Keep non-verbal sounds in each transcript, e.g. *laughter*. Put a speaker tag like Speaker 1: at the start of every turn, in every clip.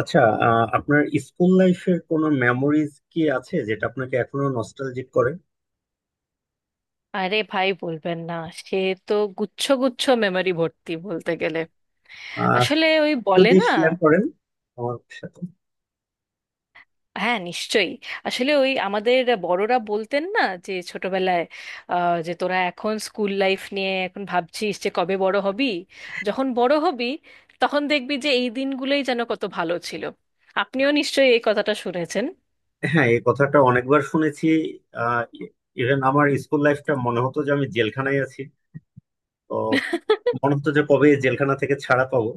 Speaker 1: আচ্ছা। আপনার স্কুল লাইফের কোনো মেমোরিজ কি আছে যেটা আপনাকে এখনো নস্টালজিক করে?
Speaker 2: আরে ভাই বলবেন না সে তো গুচ্ছ গুচ্ছ মেমরি ভর্তি বলতে গেলে
Speaker 1: আহ,
Speaker 2: আসলে ওই বলে
Speaker 1: যদি
Speaker 2: না।
Speaker 1: শেয়ার করেন আমার সাথে।
Speaker 2: হ্যাঁ, নিশ্চয়ই। আসলে ওই আমাদের বড়রা বলতেন না যে ছোটবেলায়, যে তোরা এখন স্কুল লাইফ নিয়ে এখন ভাবছিস যে কবে বড় হবি, যখন বড় হবি তখন দেখবি যে এই দিনগুলোই যেন কত ভালো ছিল। আপনিও নিশ্চয়ই এই কথাটা শুনেছেন।
Speaker 1: হ্যাঁ, এই কথাটা অনেকবার শুনেছি। আহ ইভেন আমার স্কুল লাইফটা মনে হতো যে আমি জেলখানায় আছি। তো
Speaker 2: *laughs*
Speaker 1: মনে হতো যে কবে এই জেলখানা থেকে ছাড়া পাবো।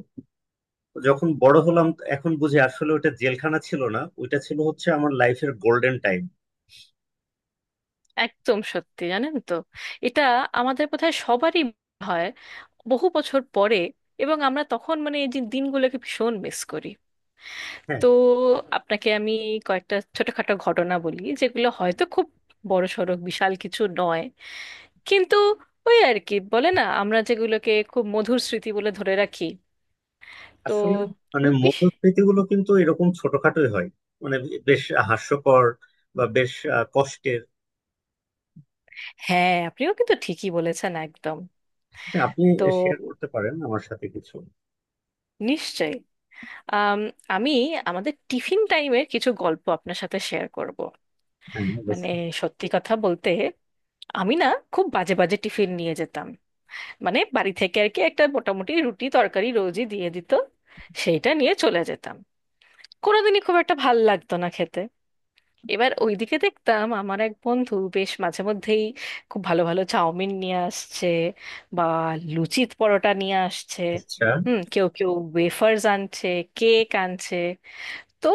Speaker 1: তো যখন বড় হলাম, এখন বুঝি আসলে ওটা জেলখানা ছিল না, ওইটা ছিল হচ্ছে আমার লাইফের গোল্ডেন টাইম।
Speaker 2: একদম সত্যি, জানেন তো, এটা আমাদের বোধহয় সবারই হয় বহু বছর পরে, এবং আমরা তখন মানে এই যে দিনগুলোকে ভীষণ মিস করি। তো আপনাকে আমি কয়েকটা ছোটখাটো ঘটনা বলি, যেগুলো হয়তো খুব বড়সড় বিশাল কিছু নয় কিন্তু ওই আর কি বলে না, আমরা যেগুলোকে খুব মধুর স্মৃতি বলে ধরে রাখি। তো
Speaker 1: আসলে মানে
Speaker 2: খুব বেশ-
Speaker 1: মধুস্মৃতি গুলো কিন্তু এরকম ছোটখাটোই হয়। মানে বেশ হাস্যকর বা বেশ কষ্টের।
Speaker 2: হ্যাঁ, আপনিও কিন্তু ঠিকই বলেছেন একদম।
Speaker 1: হ্যাঁ, আপনি
Speaker 2: তো
Speaker 1: শেয়ার করতে পারেন আমার সাথে কিছু?
Speaker 2: নিশ্চয়ই। আম, আমি আমাদের টিফিন টাইমের কিছু গল্প আপনার সাথে শেয়ার করব।
Speaker 1: হ্যাঁ,
Speaker 2: মানে
Speaker 1: অবশ্যই।
Speaker 2: সত্যি কথা বলতে, আমি না খুব বাজে বাজে টিফিন নিয়ে যেতাম। মানে বাড়ি থেকে আর কি একটা মোটামুটি রুটি তরকারি রোজই দিয়ে দিত, সেইটা নিয়ে চলে যেতাম। কোনোদিনই খুব একটা ভাল লাগতো না খেতে। এবার ওইদিকে দেখতাম আমার এক বন্ধু বেশ মাঝে মধ্যেই খুব ভালো ভালো চাউমিন নিয়ে আসছে, বা লুচি পরোটা নিয়ে আসছে।
Speaker 1: আচ্ছা।
Speaker 2: হুম, কেউ কেউ ওয়েফার্স আনছে, কেক আনছে। তো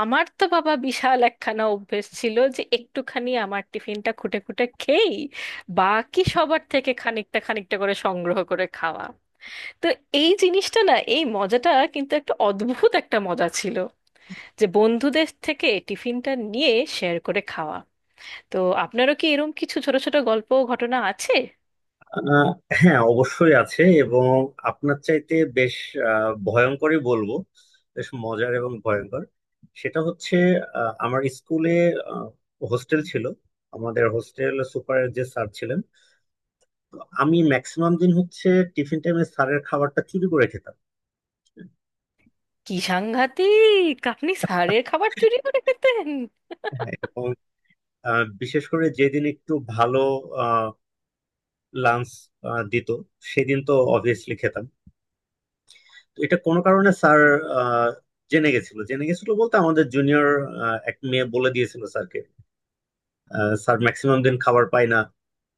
Speaker 2: আমার তো বাবা বিশাল একখানা অভ্যেস ছিল যে একটুখানি আমার টিফিনটা খুঁটে খুঁটে খেয়েই বাকি সবার থেকে খানিকটা খানিকটা করে সংগ্রহ করে খাওয়া। তো এই জিনিসটা না, এই মজাটা কিন্তু একটা অদ্ভুত একটা মজা ছিল, যে বন্ধুদের থেকে টিফিনটা নিয়ে শেয়ার করে খাওয়া। তো আপনারও কি এরকম কিছু ছোট ছোট গল্প ও ঘটনা আছে?
Speaker 1: আহ, হ্যাঁ, অবশ্যই আছে। এবং আপনার চাইতে বেশ ভয়ঙ্করই বলবো। বেশ মজার এবং ভয়ঙ্কর। সেটা হচ্ছে, আমার স্কুলে হোস্টেল ছিল। আমাদের হোস্টেল সুপারের যে স্যার ছিলেন, তো আমি ম্যাক্সিমাম দিন হচ্ছে টিফিন টাইমে স্যারের খাবারটা চুরি করে খেতাম।
Speaker 2: কি সাংঘাতিক, আপনি স্যারের খাবার চুরি করে খেতেন!
Speaker 1: হ্যাঁ, এবং বিশেষ করে যেদিন একটু ভালো লাঞ্চ দিত, সেদিন তো অবভিয়াসলি খেতাম। তো এটা কোনো কারণে স্যার আহ, জেনে গেছিল। জেনে গেছিল বলতে আমাদের জুনিয়র এক মেয়ে বলে দিয়েছিল স্যারকে, স্যার ম্যাক্সিমাম দিন খাবার পায় না,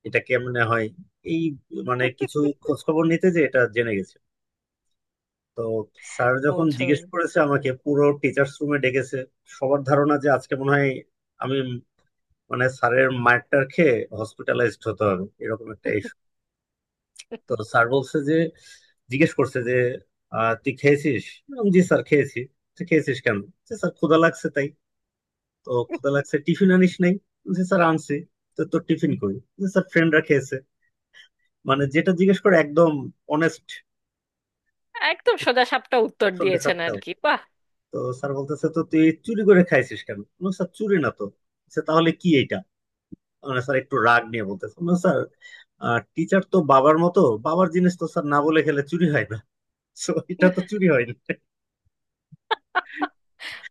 Speaker 1: এটা কেমনে হয়, এই মানে কিছু খোঁজ খবর নিতে যে এটা জেনে গেছে। তো স্যার যখন
Speaker 2: বোঝো।
Speaker 1: জিজ্ঞেস করেছে, আমাকে পুরো টিচার্স রুমে ডেকেছে। সবার ধারণা যে আজকে মনে হয় আমি মানে স্যারের মারটার খেয়ে হসপিটালাইজড হতে হবে, এরকম একটা। তো স্যার বলছে যে, জিজ্ঞেস করছে যে, তুই খেয়েছিস? আমি বললাম, জি স্যার, খেয়েছি। তো খেয়েছিস কেন? যে স্যার, ক্ষুধা লাগছে তাই। তো ক্ষুধা লাগছে, টিফিন আনিস নাই? যে স্যার, আনছি। তো তোর টিফিন কই? যে স্যার, ফ্রেন্ডরা খেয়েছে। মানে যেটা জিজ্ঞেস করে একদম অনেস্ট,
Speaker 2: একদম সোজাসাপটা উত্তর
Speaker 1: সত্যি
Speaker 2: দিয়েছেন
Speaker 1: সত্যি।
Speaker 2: আর কি, বাহ।
Speaker 1: তো স্যার বলতেছে, তো তুই চুরি করে খাইছিস কেন? আমি বললাম, স্যার, চুরি না তো। সে তাহলে কি এটা, মানে স্যার একটু রাগ নিয়ে বলতেছে। আমি বললাম, স্যার, টিচার তো বাবার মতো, বাবার জিনিস তো স্যার না বলে খেলে চুরি হয় না। So, এটা তো চুরি হয়নি।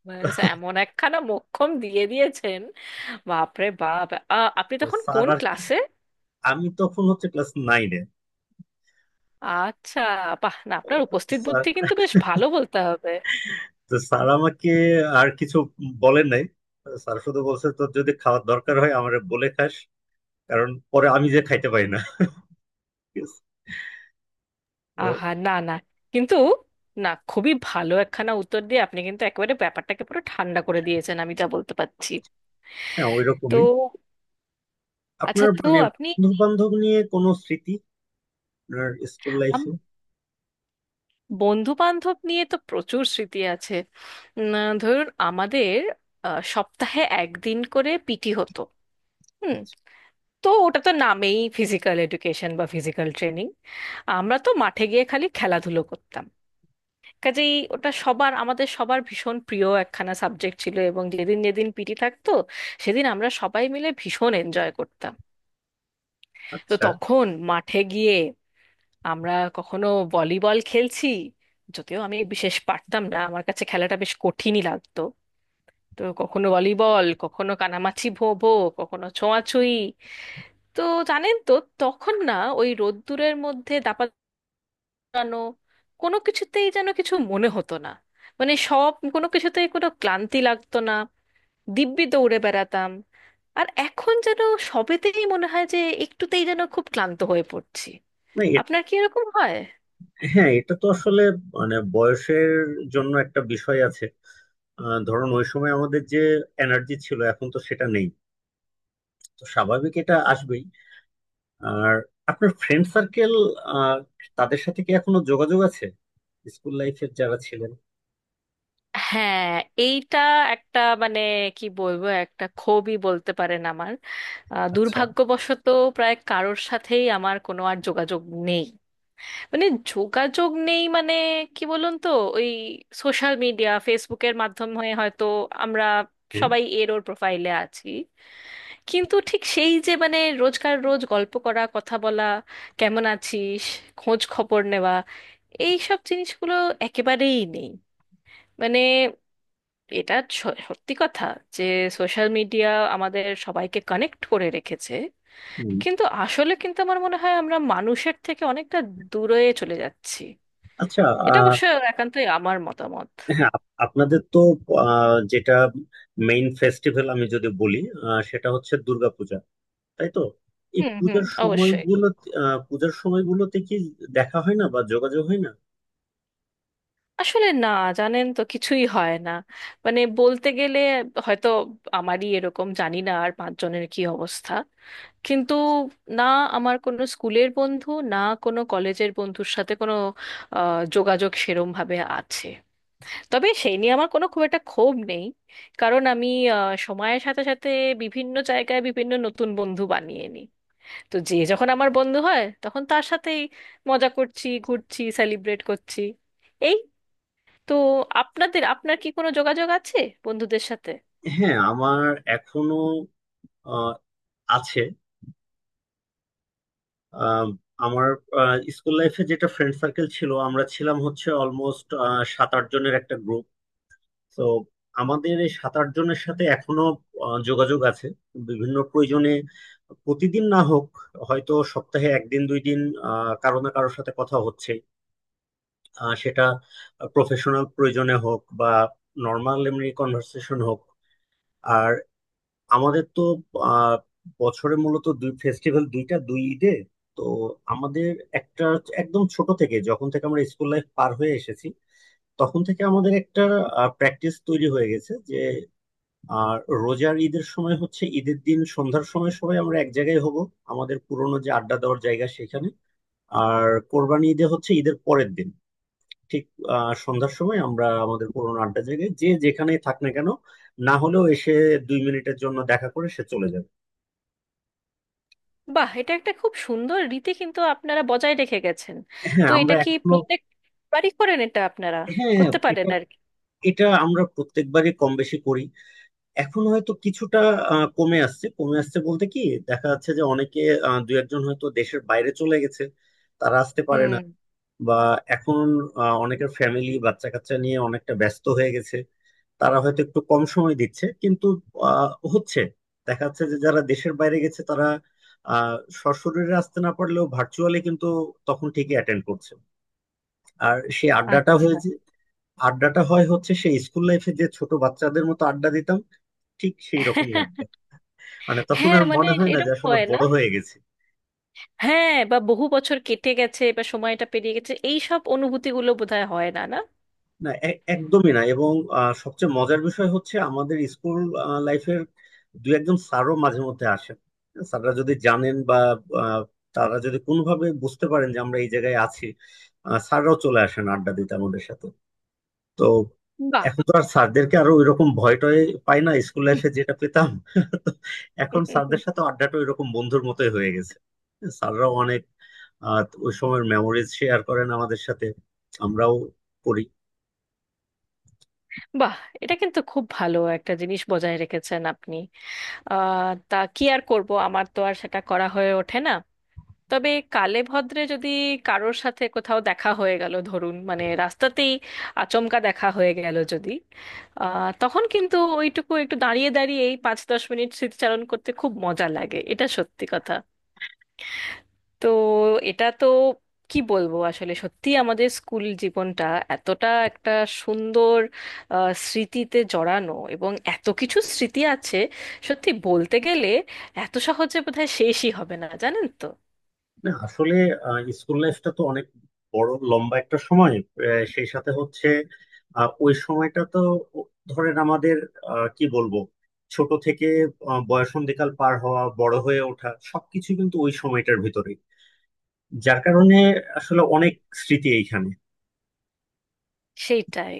Speaker 2: ব্যাস, এমন একখানা মোক্ষম দিয়ে দিয়েছেন, বাপরে বাপ। আপনি তখন
Speaker 1: স্যার
Speaker 2: কোন
Speaker 1: আর কি-
Speaker 2: ক্লাসে?
Speaker 1: আমি তখন হচ্ছে ক্লাস নাইনে।
Speaker 2: আচ্ছা। বাহ, না আপনার উপস্থিত
Speaker 1: স্যার,
Speaker 2: বুদ্ধি কিন্তু বেশ ভালো বলতে হবে।
Speaker 1: তো স্যার আমাকে আর কিছু বলেন নাই। স্যার শুধু বলছে, তো যদি খাওয়ার দরকার হয় আমারে বলে খাস। কারণ পরে আমি যে খাইতে পারি না। ঠিক আছে? তো
Speaker 2: আহা না না, কিন্তু না খুবই ভালো একখানা উত্তর দিয়ে আপনি কিন্তু একেবারে ব্যাপারটাকে পুরো ঠান্ডা করে দিয়েছেন, আমি যা বলতে পারছি।
Speaker 1: হ্যাঁ, ওই
Speaker 2: তো
Speaker 1: রকমই।
Speaker 2: আচ্ছা,
Speaker 1: আপনার
Speaker 2: তো
Speaker 1: মানে
Speaker 2: আপনি
Speaker 1: বন্ধু বান্ধব নিয়ে কোনো স্মৃতি আপনার স্কুল লাইফে?
Speaker 2: বন্ধু বান্ধব নিয়ে তো প্রচুর স্মৃতি আছে। উম, ধরুন আমাদের সপ্তাহে একদিন করে পিটি হতো। হুম। তো ওটা তো নামেই ফিজিক্যাল এডুকেশন বা ফিজিক্যাল ট্রেনিং, আমরা তো মাঠে গিয়ে খালি খেলাধুলো করতাম। কাজেই ওটা সবার আমাদের সবার ভীষণ প্রিয় একখানা সাবজেক্ট ছিল, এবং যেদিন যেদিন পিটি থাকতো সেদিন আমরা সবাই মিলে ভীষণ এনজয় করতাম। তো
Speaker 1: আচ্ছা।
Speaker 2: তখন মাঠে গিয়ে আমরা কখনো ভলিবল খেলছি, যদিও আমি বিশেষ পারতাম না, আমার কাছে খেলাটা বেশ কঠিনই লাগতো। তো কখনো ভলিবল, কখনো কানামাছি ভো ভো, কখনো ছোঁয়াছুঁই। তো জানেন তো, তখন না ওই রোদ্দুরের মধ্যে দাপানো কোনো কিছুতেই যেন কিছু মনে হতো না। মানে সব কোনো কিছুতেই কোনো ক্লান্তি লাগতো না, দিব্যি দৌড়ে বেড়াতাম। আর এখন যেন সবেতেই মনে হয় যে একটুতেই যেন খুব ক্লান্ত হয়ে পড়ছি।
Speaker 1: না,
Speaker 2: আপনার কি এরকম হয়?
Speaker 1: হ্যাঁ, এটা তো আসলে মানে বয়সের জন্য একটা বিষয় আছে। ধরুন ওই সময় আমাদের যে এনার্জি ছিল, এখন তো সেটা নেই। তো স্বাভাবিক, এটা আসবেই। আর আপনার ফ্রেন্ড সার্কেল, তাদের সাথে কি এখনো যোগাযোগ আছে? স্কুল লাইফের যারা ছিলেন?
Speaker 2: হ্যাঁ, এইটা একটা মানে কি বলবো একটা ক্ষোভই বলতে পারেন আমার।
Speaker 1: আচ্ছা।
Speaker 2: দুর্ভাগ্যবশত প্রায় কারোর সাথেই আমার কোনো আর যোগাযোগ নেই। মানে যোগাযোগ নেই মানে কি বলুন তো, ওই সোশ্যাল মিডিয়া, ফেসবুকের মাধ্যমে হয়তো আমরা
Speaker 1: হ্যাঁ।
Speaker 2: সবাই এর ওর প্রোফাইলে আছি, কিন্তু ঠিক সেই যে মানে রোজকার রোজ গল্প করা, কথা বলা, কেমন আছিস, খোঁজ খবর নেওয়া, এই সব জিনিসগুলো একেবারেই নেই। মানে এটা সত্যি কথা যে সোশ্যাল মিডিয়া আমাদের সবাইকে কানেক্ট করে রেখেছে,
Speaker 1: হুম।
Speaker 2: কিন্তু আসলে কিন্তু আমার মনে হয় আমরা মানুষের থেকে অনেকটা দূরে চলে যাচ্ছি।
Speaker 1: আচ্ছা। আহ,
Speaker 2: এটা অবশ্য একান্তই আমার মতামত।
Speaker 1: হ্যাঁ, আপনাদের তো যেটা মেইন ফেস্টিভ্যাল আমি যদি বলি, সেটা হচ্ছে দুর্গাপূজা, তাই তো? এই
Speaker 2: হুম হুম,
Speaker 1: পূজার
Speaker 2: অবশ্যই।
Speaker 1: সময়গুলো, পূজার সময়গুলোতে কি দেখা হয় না বা যোগাযোগ হয় না?
Speaker 2: আসলে না, জানেন তো কিছুই হয় না। মানে বলতে গেলে হয়তো আমারই এরকম, জানি না আর পাঁচজনের কি অবস্থা, কিন্তু না আমার কোনো স্কুলের বন্ধু না কোনো কলেজের বন্ধুর সাথে কোনো যোগাযোগ সেরম ভাবে আছে। তবে সেই নিয়ে আমার কোনো খুব একটা ক্ষোভ নেই, কারণ আমি সময়ের সাথে সাথে বিভিন্ন জায়গায় বিভিন্ন নতুন বন্ধু বানিয়ে নিই। তো যে যখন আমার বন্ধু হয় তখন তার সাথেই মজা করছি, ঘুরছি, সেলিব্রেট করছি, এই। তো আপনাদের, আপনার কি কোনো যোগাযোগ আছে বন্ধুদের সাথে?
Speaker 1: হ্যাঁ, আমার এখনো আহ, আছে। আহ, আমার স্কুল লাইফে যেটা ফ্রেন্ড সার্কেল ছিল, আমরা ছিলাম হচ্ছে অলমোস্ট সাত আট জনের একটা গ্রুপ। তো আমাদের এই সাত আট জনের সাথে এখনো যোগাযোগ আছে। বিভিন্ন প্রয়োজনে, প্রতিদিন না হোক, হয়তো সপ্তাহে একদিন দুই দিন কারো না কারোর সাথে কথা হচ্ছে। সেটা প্রফেশনাল প্রয়োজনে হোক বা নর্মাল এমনি কনভার্সেশন হোক। আর আমাদের তো আহ বছরে মূলত দুই ফেস্টিভ্যাল, দুইটা দুই ঈদে। তো আমাদের একটা, একদম ছোট থেকে যখন থেকে আমরা স্কুল লাইফ পার হয়ে এসেছি, তখন থেকে আমাদের একটা প্র্যাকটিস তৈরি হয়ে গেছে যে আর রোজার ঈদের সময় হচ্ছে ঈদের দিন সন্ধ্যার সময় সবাই আমরা এক জায়গায় হব, আমাদের পুরোনো যে আড্ডা দেওয়ার জায়গা সেখানে। আর কোরবানি ঈদে হচ্ছে ঈদের পরের দিন ঠিক সন্ধ্যার সময় আমরা আমাদের পুরোনো আড্ডা জায়গায়, যে যেখানেই থাক না কেন, না হলেও এসে দুই মিনিটের জন্য দেখা করে সে চলে যাবে।
Speaker 2: বাহ, এটা একটা খুব সুন্দর রীতি কিন্তু আপনারা বজায় রেখে গেছেন।
Speaker 1: হ্যাঁ,
Speaker 2: তো এটা
Speaker 1: আমরা
Speaker 2: কি
Speaker 1: এখনো।
Speaker 2: প্রত্যেকবারই করেন এটা আপনারা?
Speaker 1: হ্যাঁ, হ্যাঁ,
Speaker 2: করতে পারেন
Speaker 1: এটা
Speaker 2: আর কি।
Speaker 1: এটা আমরা প্রত্যেকবারই কম বেশি করি। এখন হয়তো কিছুটা কমে আসছে। কমে আসছে বলতে কি, দেখা যাচ্ছে যে অনেকে, দু একজন হয়তো দেশের বাইরে চলে গেছে, তারা আসতে পারে না।
Speaker 2: হুম।
Speaker 1: বা এখন অনেকের ফ্যামিলি বাচ্চা কাচ্চা নিয়ে অনেকটা ব্যস্ত হয়ে গেছে, তারা হয়তো একটু কম সময় দিচ্ছে। কিন্তু আহ, হচ্ছে, দেখা যাচ্ছে যে যারা দেশের বাইরে গেছে তারা আহ সশরীরে আসতে না পারলেও ভার্চুয়ালি কিন্তু তখন ঠিকই অ্যাটেন্ড করছে। আর সেই আড্ডাটা
Speaker 2: আচ্ছা।
Speaker 1: হয়েছে। আড্ডাটা হয় হচ্ছে সেই স্কুল লাইফে যে ছোট বাচ্চাদের মতো আড্ডা দিতাম, ঠিক সেই রকমই আড্ডা।
Speaker 2: *laughs*
Speaker 1: মানে তখন
Speaker 2: হ্যাঁ
Speaker 1: আর
Speaker 2: মানে
Speaker 1: মনে হয় না যে
Speaker 2: এরকম
Speaker 1: আসলে
Speaker 2: হয় না।
Speaker 1: বড় হয়ে গেছি।
Speaker 2: হ্যাঁ, বা বহু বছর কেটে গেছে বা সময়টা পেরিয়ে গেছে, এই সব অনুভূতিগুলো বোধহয় হয় না, না।
Speaker 1: না, একদমই না। এবং সবচেয়ে মজার বিষয় হচ্ছে আমাদের স্কুল লাইফের দু একজন স্যারও মাঝে মধ্যে আসেন। স্যাররা যদি জানেন বা আহ, তারা যদি কোনোভাবে বুঝতে পারেন যে আমরা এই জায়গায় আছি, স্যাররাও চলে আসেন আড্ডা দিতে আমাদের সাথে। তো
Speaker 2: বাহ।
Speaker 1: এখন তো আর স্যারদেরকে আরো ওই রকম ভয় টয় পাই না, স্কুল লাইফে যেটা পেতাম। তো এখন স্যারদের সাথে আড্ডাটা ওই রকম বন্ধুর মতোই হয়ে গেছে। স্যাররাও অনেক ওই সময়ের মেমোরিজ শেয়ার করেন আমাদের সাথে, আমরাও করি।
Speaker 2: বাহ, এটা কিন্তু খুব ভালো একটা জিনিস বজায় রেখেছেন আপনি। আহ, তা কি আর করব, আমার তো আর সেটা করা হয়ে ওঠে না। তবে কালে ভদ্রে যদি কারোর সাথে কোথাও দেখা হয়ে গেল, ধরুন মানে রাস্তাতেই আচমকা দেখা হয়ে গেল যদি, আহ, তখন কিন্তু ওইটুকু একটু দাঁড়িয়ে দাঁড়িয়ে এই 5-10 মিনিট স্মৃতিচারণ করতে খুব মজা লাগে, এটা সত্যি কথা। তো এটা তো কি বলবো আসলে সত্যি আমাদের স্কুল জীবনটা এতটা একটা সুন্দর স্মৃতিতে জড়ানো, এবং এত কিছু স্মৃতি আছে সত্যি বলতে গেলে এত সহজে বোধহয় শেষই হবে না, জানেন তো।
Speaker 1: না, আসলে স্কুল লাইফটা তো অনেক বড় লম্বা একটা সময়। সেই সাথে হচ্ছে ওই সময়টা তো ধরেন আমাদের, কি বলবো, ছোট থেকে বয়সন্ধিকাল পার হওয়া বড় হয়ে ওঠা সবকিছু কিন্তু ওই সময়টার ভিতরে, যার কারণে আসলে অনেক স্মৃতি এইখানে।
Speaker 2: সেইটাই।